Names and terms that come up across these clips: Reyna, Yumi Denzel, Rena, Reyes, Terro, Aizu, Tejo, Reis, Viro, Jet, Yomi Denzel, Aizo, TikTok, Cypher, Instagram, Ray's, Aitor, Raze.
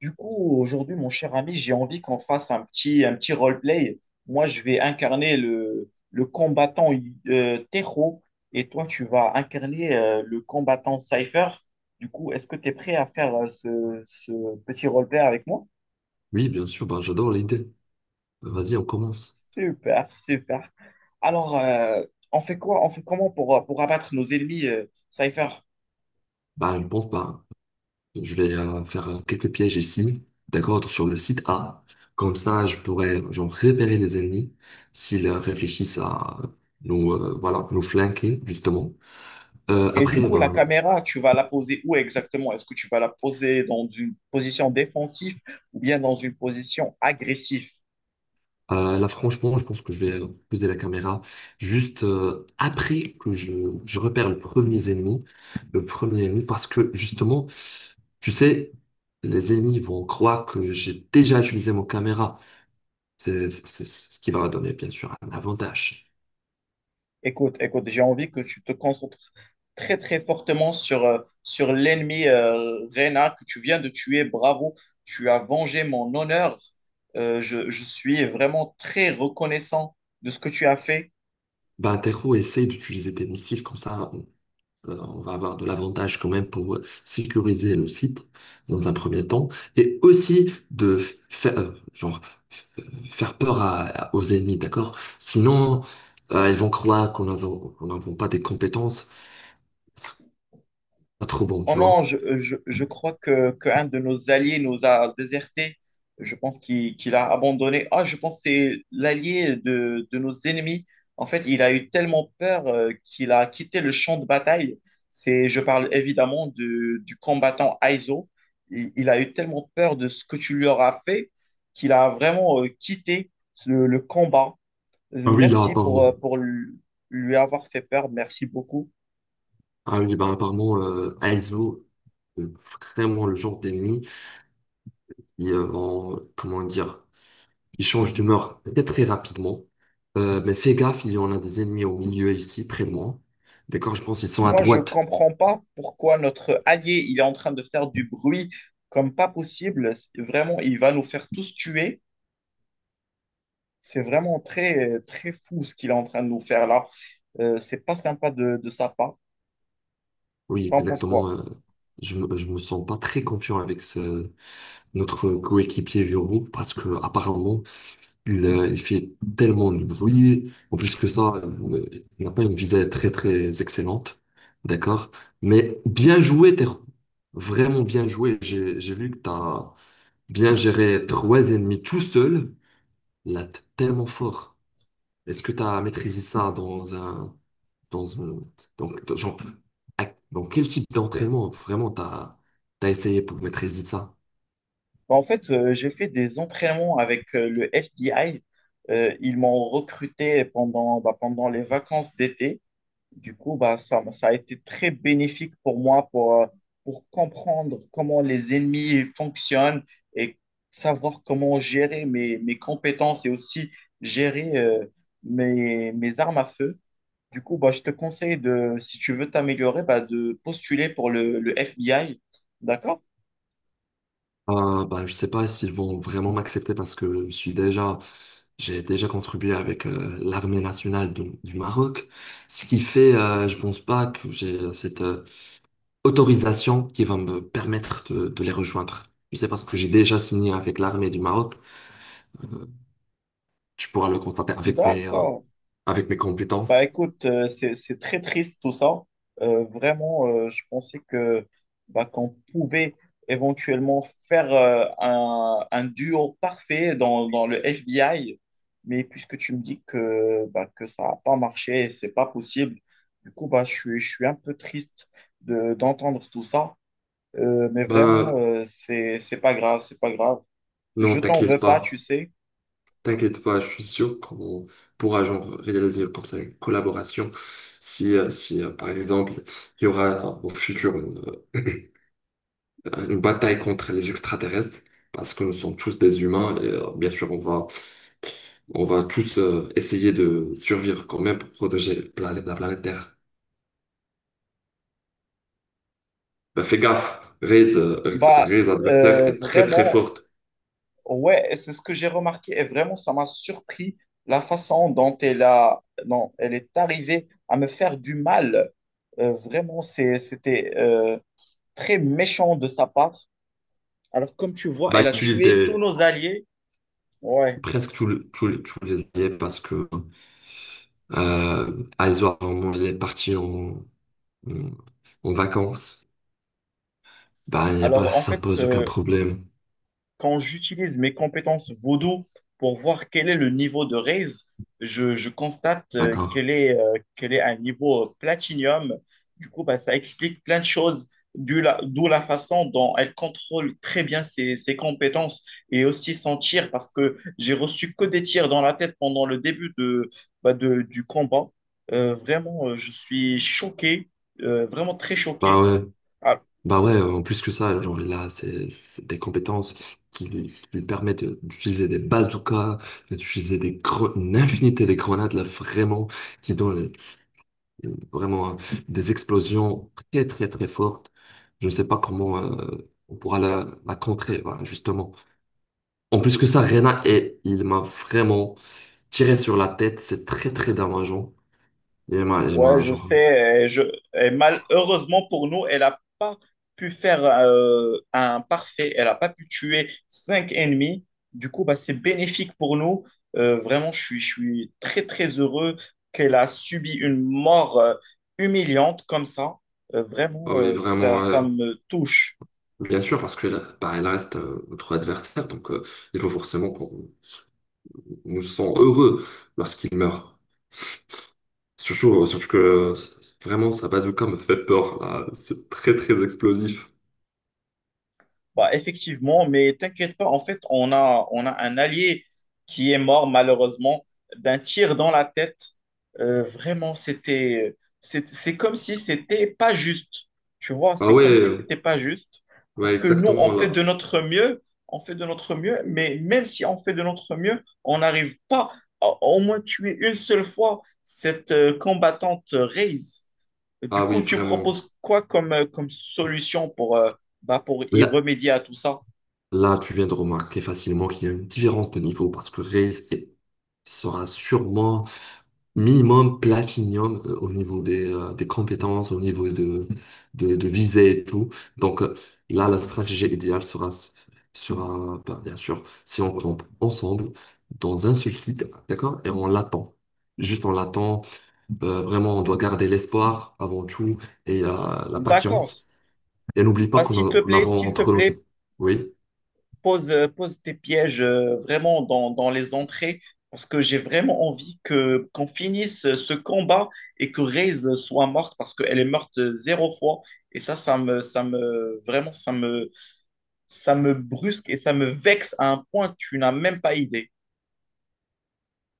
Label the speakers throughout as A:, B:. A: Du coup, aujourd'hui, mon cher ami, j'ai envie qu'on fasse un petit roleplay. Moi, je vais incarner le combattant Tejo et toi, tu vas incarner le combattant Cypher. Du coup, est-ce que tu es prêt à faire ce petit roleplay avec moi?
B: Oui, bien sûr, bah, j'adore l'idée. Vas-y, on commence.
A: Super, super. Alors, on fait quoi? On fait comment pour abattre nos ennemis, Cypher?
B: Bah, je pense, bah, je vais faire quelques pièges ici, d'accord, sur le site A. Comme ça, je pourrais, genre, repérer les ennemis s'ils réfléchissent à nous, voilà, nous flanquer, justement. Euh,
A: Et du
B: après,
A: coup, la
B: ben
A: caméra, tu vas la poser où exactement? Est-ce que tu vas la poser dans une position défensive ou bien dans une position agressive?
B: Euh, là, franchement, je pense que je vais poser la caméra juste après que je repère le premier ennemi, parce que justement, tu sais, les ennemis vont croire que j'ai déjà utilisé mon caméra. C'est ce qui va donner, bien sûr, un avantage.
A: Écoute, écoute, j'ai envie que tu te concentres très, très fortement sur, sur l'ennemi Reyna que tu viens de tuer. Bravo, tu as vengé mon honneur. Je suis vraiment très reconnaissant de ce que tu as fait.
B: Ben, Tero, essaye d'utiliser tes missiles comme ça. On va avoir de l'avantage quand même pour sécuriser le site dans un premier temps et aussi de faire, genre, f- faire peur aux ennemis, d'accord? Sinon, ils vont croire qu'on n'avons pas des compétences. C'est pas trop bon,
A: Oh
B: tu
A: non,
B: vois.
A: je crois que, qu'un de nos alliés nous a désertés. Je pense qu'il a abandonné. Ah, je pense que c'est l'allié de nos ennemis. En fait, il a eu tellement peur qu'il a quitté le champ de bataille. C'est, je parle évidemment du combattant Aizo. Il a eu tellement peur de ce que tu lui auras fait qu'il a vraiment quitté le combat.
B: Ah oui, là,
A: Merci
B: apparemment.
A: pour lui avoir fait peur. Merci beaucoup.
B: Ah oui, bah, apparemment, Aizu, euh, vraiment le genre d'ennemi, ils vont, comment dire, il change d'humeur très très rapidement. Mais fais gaffe, il y en a des ennemis au milieu ici, près de moi. D'accord, je pense qu'ils sont à
A: Moi, je
B: droite.
A: comprends pas pourquoi notre allié, il est en train de faire du bruit comme pas possible. C'est- Vraiment, il va nous faire tous tuer. C'est vraiment très, très fou ce qu'il est en train de nous faire là. C'est pas sympa de sa part.
B: Oui,
A: T'en penses quoi?
B: exactement. Je me sens pas très confiant avec ce, notre coéquipier Viro, parce que apparemment il fait tellement de bruit. En plus que ça, il n'a pas une visée très très excellente. D'accord, mais bien joué, Terro. Vraiment bien joué. J'ai vu que tu as bien géré 3 ennemis tout seul. Là, t'es tellement fort. Est-ce que tu as maîtrisé ça dans un, donc, dans- genre, à- dans quel type d'entraînement vraiment t'as essayé pour maîtriser ça?
A: Bah, en fait, j'ai fait des entraînements avec le FBI. Ils m'ont recruté pendant, bah, pendant les vacances d'été. Du coup, bah, ça a été très bénéfique pour moi pour comprendre comment les ennemis fonctionnent et savoir comment gérer mes, mes compétences et aussi gérer mes, mes armes à feu. Du coup, bah, je te conseille de, si tu veux t'améliorer, bah, de postuler pour le FBI. D'accord?
B: Bah, je sais pas s'ils vont vraiment m'accepter parce que je suis déjà, j'ai déjà contribué avec l'armée nationale du Maroc, ce qui fait, je pense pas que j'ai cette autorisation qui va me permettre de les rejoindre. Je sais parce que j'ai déjà signé avec l'armée du Maroc, tu pourras le constater avec
A: D'accord.
B: avec mes
A: Bah
B: compétences.
A: écoute, c'est très triste tout ça. Vraiment, je pensais que bah, qu'on pouvait éventuellement faire un duo parfait dans, dans le FBI, mais puisque tu me dis que, bah, que ça n'a pas marché, c'est pas possible. Du coup, bah, je suis un peu triste de, d'entendre tout ça. Mais vraiment,
B: Ben,
A: c'est pas grave, c'est pas grave.
B: non,
A: Je t'en
B: t'inquiète
A: veux pas, tu
B: pas.
A: sais.
B: T'inquiète pas, je suis sûr qu'on pourra genre réaliser comme ça une collaboration. Si, par exemple, il y aura au futur une, euh, une bataille contre les extraterrestres, parce que nous sommes tous des humains, et bien sûr, on va tous essayer de survivre quand même pour protéger la planète Terre. Ben, fais gaffe,
A: Bah,
B: Ray's adversaire est très très
A: vraiment,
B: forte.
A: ouais, et c'est ce que j'ai remarqué et vraiment, ça m'a surpris la façon dont elle a, dont elle est arrivée à me faire du mal. Vraiment, c'est, c'était très méchant de sa part. Alors, comme tu vois,
B: Ben,
A: elle a
B: utilise
A: tué tous
B: des,
A: nos alliés. Ouais.
B: presque tous tous les alliés parce que euh, Aitor, au moment où il est parti en, en vacances, bah, il n'y a pas,
A: Alors, en
B: ça ne
A: fait,
B: pose aucun problème.
A: quand j'utilise mes compétences vaudou pour voir quel est le niveau de raise, je constate
B: D'accord.
A: qu'elle est à un niveau platinium. Du coup, bah, ça explique plein de choses, d'où la façon dont elle contrôle très bien ses, ses compétences et aussi son tir, parce que j'ai reçu que des tirs dans la tête pendant le début de, bah, de- du combat. Vraiment, je suis choqué, vraiment très
B: Bah
A: choqué.
B: ouais,
A: Ah,
B: bah ouais, en plus que ça, genre, il a des compétences qui lui permettent d'utiliser des bazookas, d'utiliser une infinité de grenades, là, vraiment, qui donnent vraiment des explosions très, très, très fortes. Je ne sais pas comment on pourra la contrer, voilà, justement. En plus que ça, Rena, et il m'a vraiment tiré sur la tête. C'est très, très dommageant. il m'a, il
A: ouais,
B: m'a,
A: je
B: genre,
A: sais. Et je, et malheureusement pour nous, elle n'a pas pu faire un parfait. Elle n'a pas pu tuer 5 ennemis. Du coup, bah, c'est bénéfique pour nous. Vraiment, je suis très, très heureux qu'elle a subi une mort humiliante comme ça.
B: ah
A: Vraiment,
B: oui,
A: ça,
B: vraiment,
A: ça me touche.
B: bien sûr, parce que là, bah, il reste notre adversaire. Donc, il faut forcément qu'on nous sent heureux lorsqu'il meurt. Surtout que vraiment, sa bazooka me fait peur, là. C'est très, très explosif.
A: Bah, effectivement, mais t'inquiète pas, en fait, on a un allié qui est mort malheureusement d'un tir dans la tête. Vraiment, c'était, c'est comme si c'était pas juste. Tu vois,
B: Ah
A: c'est
B: ouais,
A: comme si
B: euh,
A: c'était pas juste.
B: ouais,
A: Parce que nous, on
B: exactement
A: fait de
B: là.
A: notre mieux, on fait de notre mieux, mais même si on fait de notre mieux, on n'arrive pas à au moins tuer une seule fois cette combattante Raze. Du
B: Ah oui,
A: coup, tu
B: vraiment.
A: proposes quoi comme, comme solution pour, bah, pour y
B: Là,
A: remédier à tout ça.
B: là, tu viens de remarquer facilement qu'il y a une différence de niveau parce que Reis sera sûrement minimum platinum au niveau des compétences, au niveau de visée et tout. Donc là, la stratégie idéale sera, sera, bah, bien sûr, si on tombe ensemble dans un seul site, d'accord? Et on l'attend. Juste on l'attend. Vraiment, on doit garder l'espoir avant tout et la
A: D'accord.
B: patience. Et n'oublie pas
A: Bah,
B: qu'on a
A: s'il te
B: entre nous.
A: plaît,
B: Oui,
A: pose, pose tes pièges vraiment dans, dans les entrées parce que j'ai vraiment envie que qu'on finisse ce combat et que Reyes soit morte parce qu'elle est morte 0 fois. Et ça, ça me, vraiment, ça me brusque et ça me vexe à un point, tu n'as même pas idée.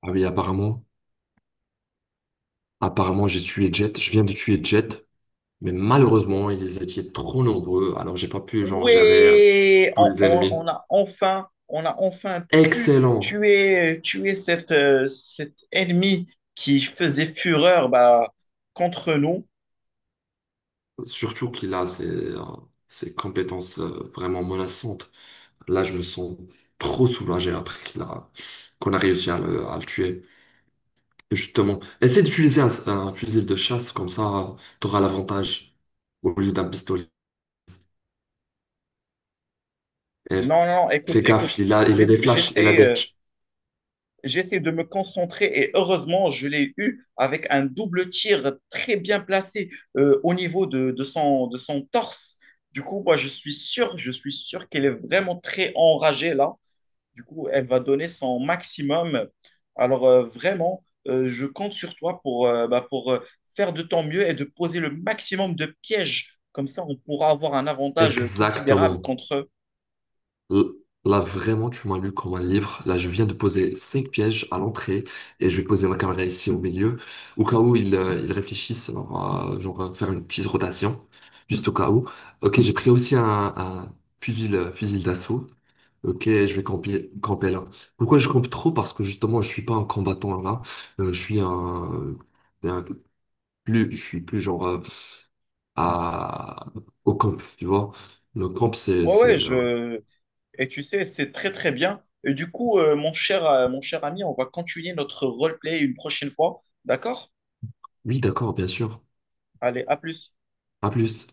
B: ah oui, apparemment. Apparemment, j'ai tué Jet. Je viens de tuer Jet. Mais malheureusement, ils étaient trop nombreux, alors j'ai pas pu genre gérer
A: Ouais,
B: tous les ennemis.
A: on a enfin pu
B: Excellent!
A: tuer, tuer cette, cet ennemi qui faisait fureur bah, contre nous.
B: Surtout qu'il a ses compétences vraiment menaçantes. Là, je me sens trop soulagé après qu'on a réussi à le tuer. Et justement, essaie d'utiliser un fusil de chasse, comme ça, tu auras l'avantage au lieu d'un pistolet. Et
A: Non, non,
B: fais
A: écoute,
B: gaffe,
A: écoute,
B: il a
A: j'ai-
B: des flashs, il a
A: j'essaie,
B: des...
A: j'essaie de me concentrer et heureusement, je l'ai eu avec un double tir très bien placé au niveau de son torse. Du coup, moi, je suis sûr qu'elle est vraiment très enragée là. Du coup, elle va donner son maximum. Alors, vraiment, je compte sur toi pour, bah, pour faire de ton mieux et de poser le maximum de pièges. Comme ça, on pourra avoir un avantage considérable
B: Exactement.
A: contre eux.
B: L- Là, vraiment, tu m'as lu comme un livre. Là, je viens de poser 5 pièges à l'entrée et je vais poser ma caméra ici au milieu, au cas où ils réfléchissent, alors, genre, faire une petite rotation, juste au cas où. Ok, j'ai pris aussi un fusil, fusil d'assaut. Ok, je vais camper, camper là. Pourquoi je campe trop? Parce que justement, je suis pas un combattant là. Euh, je suis un, un- je suis plus genre à, au camp, tu vois. Le camp, c'est,
A: Ouais,
B: c'est,
A: ouais,
B: euh,
A: je... Et tu sais, c'est très, très bien. Et du coup, mon cher ami, on va continuer notre roleplay une prochaine fois. D'accord?
B: oui, d'accord, bien sûr.
A: Allez, à plus.
B: À plus.